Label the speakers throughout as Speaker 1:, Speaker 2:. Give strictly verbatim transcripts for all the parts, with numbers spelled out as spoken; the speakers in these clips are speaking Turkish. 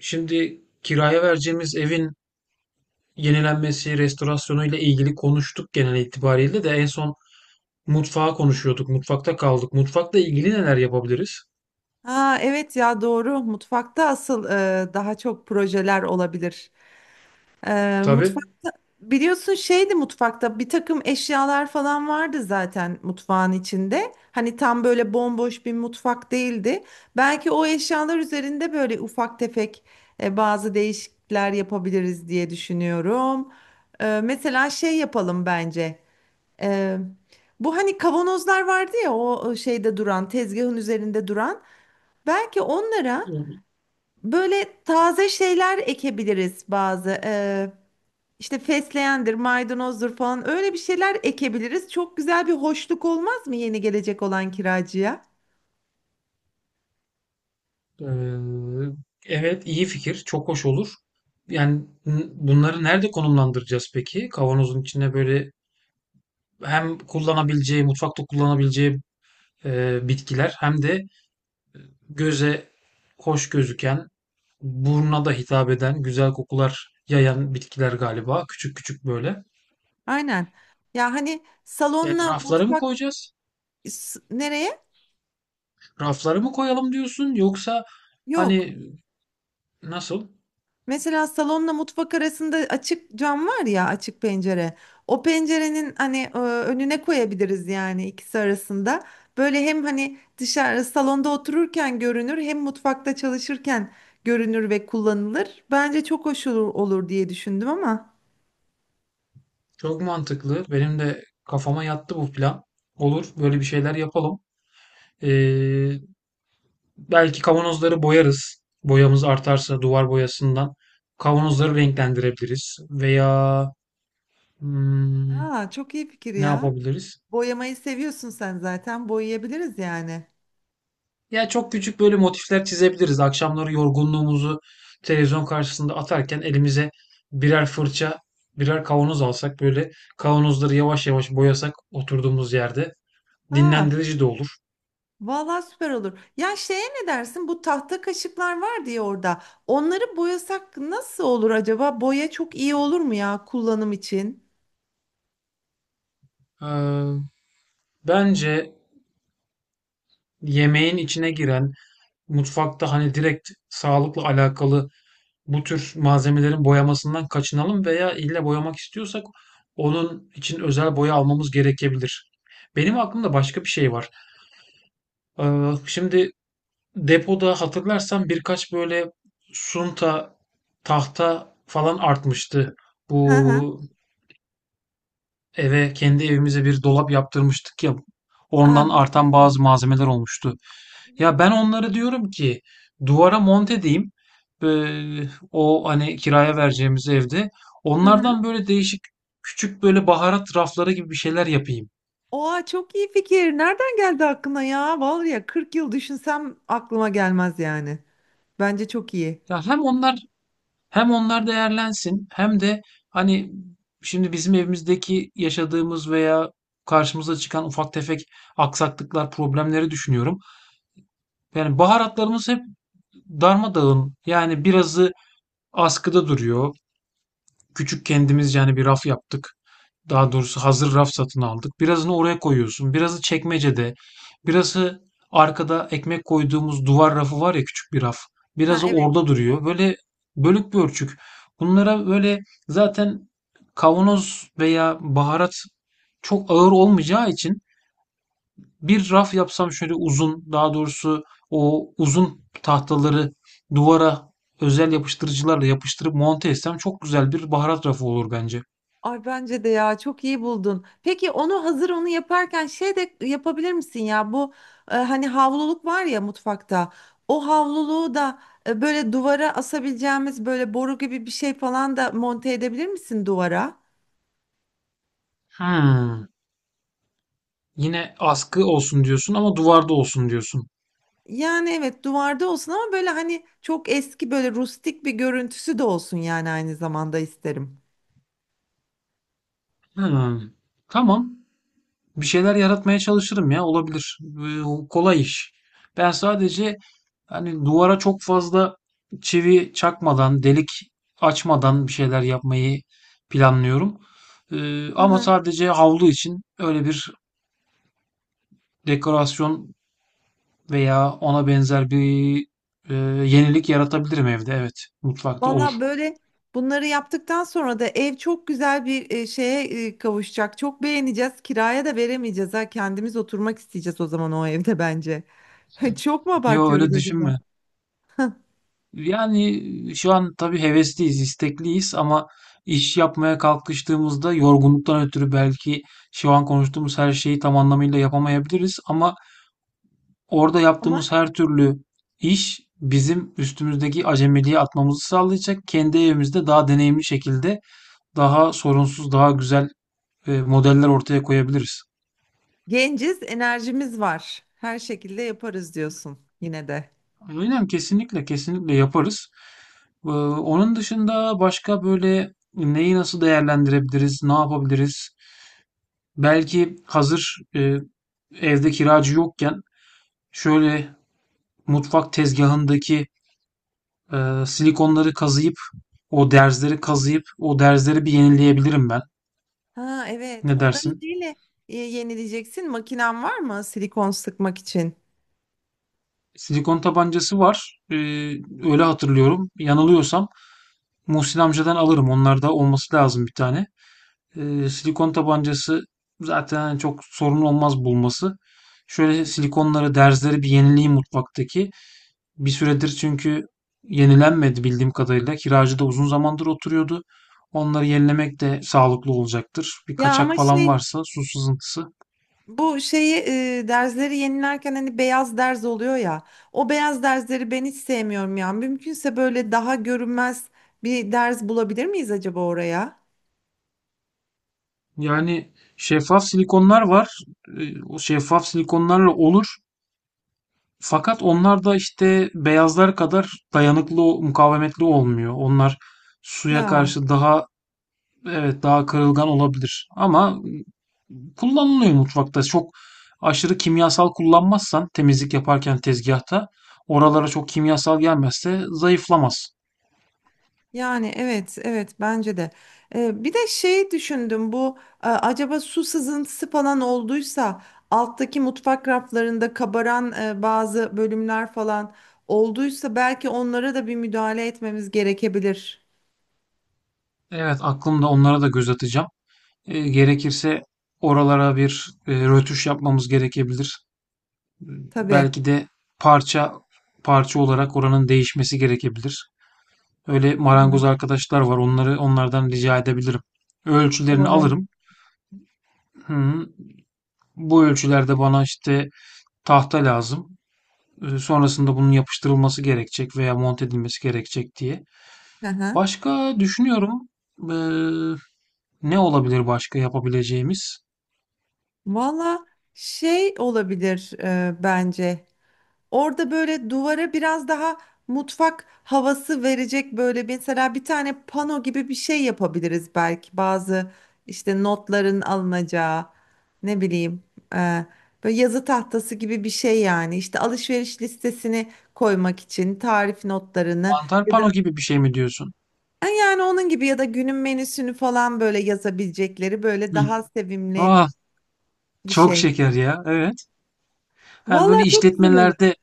Speaker 1: Şimdi kiraya vereceğimiz evin yenilenmesi, restorasyonu ile ilgili konuştuk genel itibariyle de en son mutfağı konuşuyorduk. Mutfakta kaldık. Mutfakla ilgili neler yapabiliriz?
Speaker 2: Ha, evet ya doğru. Mutfakta asıl e, daha çok projeler olabilir. E,
Speaker 1: Tabii.
Speaker 2: mutfakta biliyorsun şeydi mutfakta bir takım eşyalar falan vardı zaten mutfağın içinde. Hani tam böyle bomboş bir mutfak değildi. Belki o eşyalar üzerinde böyle ufak tefek e, bazı değişiklikler yapabiliriz diye düşünüyorum. E, mesela şey yapalım bence. E, Bu hani kavanozlar vardı ya, o şeyde duran, tezgahın üzerinde duran. Belki onlara böyle taze şeyler ekebiliriz bazı. Ee, işte fesleğendir, maydanozdur falan, öyle bir şeyler ekebiliriz. Çok güzel bir hoşluk olmaz mı yeni gelecek olan kiracıya?
Speaker 1: Eee, evet, iyi fikir. Çok hoş olur. Yani n- bunları nerede konumlandıracağız peki? Kavanozun içine böyle hem kullanabileceği, mutfakta kullanabileceği eee, bitkiler, hem de göze hoş gözüken, buruna da hitap eden, güzel kokular yayan bitkiler galiba. Küçük küçük böyle.
Speaker 2: Aynen. Ya hani
Speaker 1: Yani
Speaker 2: salonla
Speaker 1: raflara mı
Speaker 2: mutfak
Speaker 1: koyacağız?
Speaker 2: s- nereye?
Speaker 1: Raflara mı koyalım diyorsun? Yoksa
Speaker 2: Yok.
Speaker 1: hani nasıl?
Speaker 2: Mesela salonla mutfak arasında açık cam var ya, açık pencere. O pencerenin hani e, önüne koyabiliriz yani, ikisi arasında. Böyle hem hani dışarı salonda otururken görünür, hem mutfakta çalışırken görünür ve kullanılır. Bence çok hoş olur, olur diye düşündüm ama.
Speaker 1: Çok mantıklı. Benim de kafama yattı bu plan. Olur, böyle bir şeyler yapalım. Ee, Belki kavanozları boyarız. Boyamız artarsa duvar boyasından kavanozları renklendirebiliriz. Veya hmm,
Speaker 2: Aa, çok iyi fikir
Speaker 1: ne
Speaker 2: ya.
Speaker 1: yapabiliriz?
Speaker 2: Boyamayı seviyorsun sen zaten, boyayabiliriz yani.
Speaker 1: Ya çok küçük böyle motifler çizebiliriz. Akşamları yorgunluğumuzu televizyon karşısında atarken elimize birer fırça, birer kavanoz alsak, böyle kavanozları yavaş yavaş boyasak oturduğumuz yerde,
Speaker 2: Aa.
Speaker 1: dinlendirici de olur.
Speaker 2: Vallahi süper olur. Ya şeye ne dersin? Bu tahta kaşıklar var diye orada. Onları boyasak nasıl olur acaba? Boya çok iyi olur mu ya kullanım için?
Speaker 1: Ee, Bence yemeğin içine giren, mutfakta hani direkt sağlıkla alakalı bu tür malzemelerin boyamasından kaçınalım; veya illa boyamak istiyorsak onun için özel boya almamız gerekebilir. Benim aklımda başka bir şey var. Ee, Şimdi depoda hatırlarsan birkaç böyle sunta, tahta falan artmıştı.
Speaker 2: Hı hı.
Speaker 1: Bu eve, kendi evimize bir dolap yaptırmıştık ya.
Speaker 2: Ah.
Speaker 1: Ondan artan bazı malzemeler olmuştu.
Speaker 2: Evet.
Speaker 1: Ya ben onları diyorum ki duvara monte edeyim. Ee, O hani kiraya vereceğimiz evde.
Speaker 2: Hı hı.
Speaker 1: Onlardan böyle değişik küçük böyle baharat rafları gibi bir şeyler yapayım.
Speaker 2: Oha, çok iyi fikir. Nereden geldi aklına ya? Vallahi ya kırk yıl düşünsem aklıma gelmez yani. Bence çok iyi.
Speaker 1: Ya hem onlar, hem onlar değerlensin hem de, hani, şimdi bizim evimizdeki yaşadığımız veya karşımıza çıkan ufak tefek aksaklıklar, problemleri düşünüyorum. Yani baharatlarımız hep darmadağın. Yani birazı askıda duruyor. Küçük, kendimizce hani bir raf yaptık. Daha
Speaker 2: Evet.
Speaker 1: doğrusu hazır raf satın aldık. Birazını oraya koyuyorsun. Birazı çekmecede. Birazı arkada ekmek koyduğumuz duvar rafı var ya, küçük bir raf.
Speaker 2: Ha,
Speaker 1: Birazı
Speaker 2: evet.
Speaker 1: orada duruyor. Böyle bölük pörçük. Bunlara böyle zaten kavanoz veya baharat çok ağır olmayacağı için bir raf yapsam şöyle uzun, daha doğrusu o uzun tahtaları duvara özel yapıştırıcılarla yapıştırıp monte etsem çok güzel bir baharat rafı olur bence.
Speaker 2: Ay bence de ya, çok iyi buldun. Peki onu hazır onu yaparken şey de yapabilir misin ya, bu e, hani havluluk var ya mutfakta. O havluluğu da e, böyle duvara asabileceğimiz böyle boru gibi bir şey falan da monte edebilir misin duvara?
Speaker 1: Hmm. Yine askı olsun diyorsun, ama duvarda olsun diyorsun.
Speaker 2: Yani evet, duvarda olsun ama böyle hani çok eski, böyle rustik bir görüntüsü de olsun yani, aynı zamanda isterim.
Speaker 1: Hmm. Tamam. Bir şeyler yaratmaya çalışırım ya, olabilir. Ee, Kolay iş. Ben sadece hani duvara çok fazla çivi çakmadan, delik açmadan bir şeyler yapmayı planlıyorum. Ee, ama sadece havlu için öyle bir dekorasyon veya ona benzer bir e, yenilik yaratabilirim evde. Evet, mutfakta olur.
Speaker 2: Valla böyle bunları yaptıktan sonra da ev çok güzel bir e, şeye e, kavuşacak. Çok beğeneceğiz. Kiraya da veremeyeceğiz ha. Kendimiz oturmak isteyeceğiz o zaman o evde bence. Çok mu
Speaker 1: Yo,
Speaker 2: abartıyoruz
Speaker 1: öyle
Speaker 2: acaba?
Speaker 1: düşünme. Yani şu an tabii hevesliyiz, istekliyiz, ama iş yapmaya kalkıştığımızda yorgunluktan ötürü belki şu an konuştuğumuz her şeyi tam anlamıyla yapamayabiliriz, ama orada
Speaker 2: Ama
Speaker 1: yaptığımız her türlü iş bizim üstümüzdeki acemiliği atmamızı sağlayacak. Kendi evimizde daha deneyimli şekilde, daha sorunsuz, daha güzel e, modeller ortaya koyabiliriz.
Speaker 2: genciz, enerjimiz var. Her şekilde yaparız diyorsun yine de.
Speaker 1: Aynen, kesinlikle kesinlikle yaparız. Ee, onun dışında başka böyle neyi nasıl değerlendirebiliriz, ne yapabiliriz? Belki hazır e, evde kiracı yokken şöyle mutfak tezgahındaki e, silikonları kazıyıp, o derzleri kazıyıp o derzleri bir yenileyebilirim ben.
Speaker 2: Ha, evet.
Speaker 1: Ne
Speaker 2: Onları
Speaker 1: dersin?
Speaker 2: neyle e, yenileyeceksin? Makinen var mı silikon sıkmak için?
Speaker 1: Silikon tabancası var. E, öyle hatırlıyorum. Yanılıyorsam Muhsin amcadan alırım. Onlarda olması lazım bir tane. E, silikon tabancası zaten çok sorun olmaz bulması. Şöyle silikonları, derzleri bir yenileyim mutfaktaki. Bir süredir çünkü yenilenmedi bildiğim kadarıyla. Kiracı da uzun zamandır oturuyordu. Onları yenilemek de sağlıklı olacaktır. Bir
Speaker 2: Ya
Speaker 1: kaçak
Speaker 2: ama
Speaker 1: falan
Speaker 2: şey
Speaker 1: varsa, su sızıntısı.
Speaker 2: Bu şeyi e, derzleri yenilerken hani beyaz derz oluyor ya. O beyaz derzleri ben hiç sevmiyorum ya. Mümkünse böyle daha görünmez bir derz bulabilir miyiz acaba oraya?
Speaker 1: Yani şeffaf silikonlar var. Ee, O şeffaf silikonlarla olur. Fakat onlar da işte beyazlar kadar dayanıklı, mukavemetli olmuyor. Onlar suya
Speaker 2: Ya
Speaker 1: karşı daha, evet, daha kırılgan olabilir. Ama kullanılıyor mutfakta. Çok aşırı kimyasal kullanmazsan, temizlik yaparken tezgahta oralara çok kimyasal gelmezse zayıflamaz.
Speaker 2: yani evet, evet bence de. E, bir de şeyi düşündüm bu, e, acaba su sızıntısı falan olduysa alttaki mutfak raflarında kabaran e, bazı bölümler falan olduysa, belki onlara da bir müdahale etmemiz gerekebilir.
Speaker 1: Evet, aklımda, onlara da göz atacağım. Eee, gerekirse oralara bir, eee, rötuş yapmamız gerekebilir.
Speaker 2: Tabii.
Speaker 1: Belki de parça parça olarak oranın değişmesi gerekebilir. Öyle
Speaker 2: Doğru.
Speaker 1: marangoz arkadaşlar var. Onları onlardan rica edebilirim. Ölçülerini
Speaker 2: Doğru.
Speaker 1: alırım. Hı, bu ölçülerde bana işte tahta lazım. E, sonrasında bunun yapıştırılması gerekecek veya monte edilmesi gerekecek diye.
Speaker 2: Hı hı.
Speaker 1: Başka düşünüyorum, eee, ne olabilir başka yapabileceğimiz?
Speaker 2: Valla şey olabilir e, bence. Orada böyle duvara biraz daha mutfak havası verecek böyle bir- mesela bir tane pano gibi bir şey yapabiliriz belki. Bazı işte notların alınacağı, ne bileyim, e, böyle yazı tahtası gibi bir şey yani. İşte alışveriş listesini koymak için, tarif notlarını
Speaker 1: Mantar
Speaker 2: ya da
Speaker 1: pano gibi bir şey mi diyorsun?
Speaker 2: e, yani onun gibi, ya da günün menüsünü falan böyle yazabilecekleri böyle
Speaker 1: Hı.
Speaker 2: daha sevimli
Speaker 1: Ah,
Speaker 2: bir
Speaker 1: çok
Speaker 2: şey.
Speaker 1: şeker ya. Evet. Ha, böyle
Speaker 2: Valla çok güzel olur.
Speaker 1: işletmelerde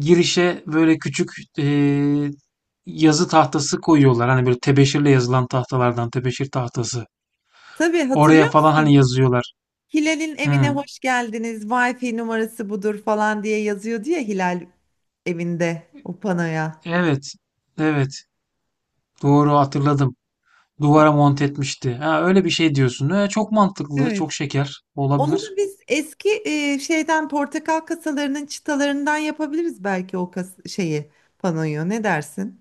Speaker 1: girişe böyle küçük eee, yazı tahtası koyuyorlar. Hani böyle tebeşirle yazılan tahtalardan, tebeşir tahtası.
Speaker 2: Tabii,
Speaker 1: Oraya
Speaker 2: hatırlıyor
Speaker 1: falan hani
Speaker 2: musun?
Speaker 1: yazıyorlar.
Speaker 2: Hilal'in evine
Speaker 1: Hı.
Speaker 2: hoş geldiniz, Wi-Fi numarası budur falan diye yazıyordu ya Hilal evinde o panoya.
Speaker 1: Evet. Evet. Doğru hatırladım. Duvara monte etmişti. Ha, öyle bir şey diyorsun. Ha, çok mantıklı.
Speaker 2: Evet.
Speaker 1: Çok şeker.
Speaker 2: Onu da
Speaker 1: Olabilir.
Speaker 2: biz eski e, şeyden, portakal kasalarının çıtalarından yapabiliriz belki, o kas şeyi, panoyu. Ne dersin?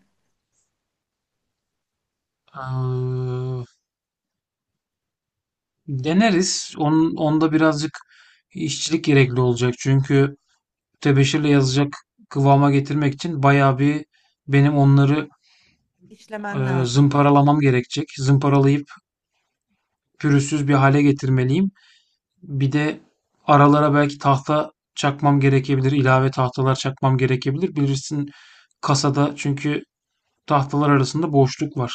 Speaker 1: Eee, Deneriz. Onun, onda birazcık işçilik gerekli olacak. Çünkü tebeşirle yazacak kıvama getirmek için bayağı bir, benim onları,
Speaker 2: İşlemen
Speaker 1: Eee,
Speaker 2: lazım.
Speaker 1: zımparalamam gerekecek. Zımparalayıp pürüzsüz bir hale getirmeliyim. Bir de aralara belki tahta çakmam gerekebilir. İlave tahtalar çakmam gerekebilir. Bilirsin, kasada çünkü tahtalar arasında boşluk var.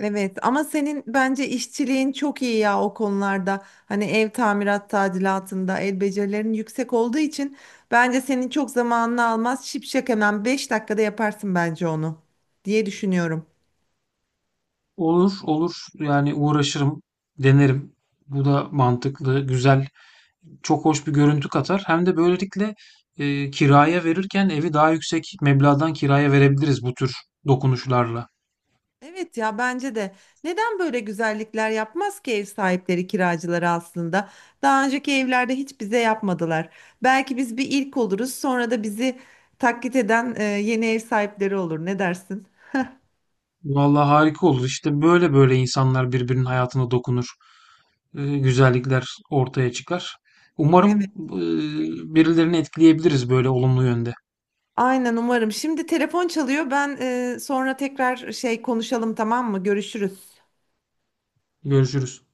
Speaker 2: Evet ama senin bence işçiliğin çok iyi ya o konularda. Hani ev tamirat tadilatında el becerilerin yüksek olduğu için bence senin çok zamanını almaz. Şipşak hemen beş dakikada yaparsın bence onu diye düşünüyorum.
Speaker 1: Olur, olur. Yani uğraşırım, denerim. Bu da mantıklı, güzel, çok hoş bir görüntü katar. Hem de böylelikle eee, kiraya verirken evi daha yüksek meblağdan kiraya verebiliriz bu tür dokunuşlarla.
Speaker 2: Evet ya bence de. Neden böyle güzellikler yapmaz ki ev sahipleri kiracıları aslında? Daha önceki evlerde hiç bize yapmadılar. Belki biz bir ilk oluruz, sonra da bizi taklit eden e, yeni ev sahipleri olur. Ne dersin?
Speaker 1: Vallahi harika olur. İşte böyle böyle insanlar birbirinin hayatına dokunur. E, güzellikler ortaya çıkar. Umarım e, birilerini etkileyebiliriz böyle olumlu yönde.
Speaker 2: Aynen, umarım. Şimdi telefon çalıyor. Ben e, sonra tekrar şey konuşalım, tamam mı? Görüşürüz.
Speaker 1: Görüşürüz.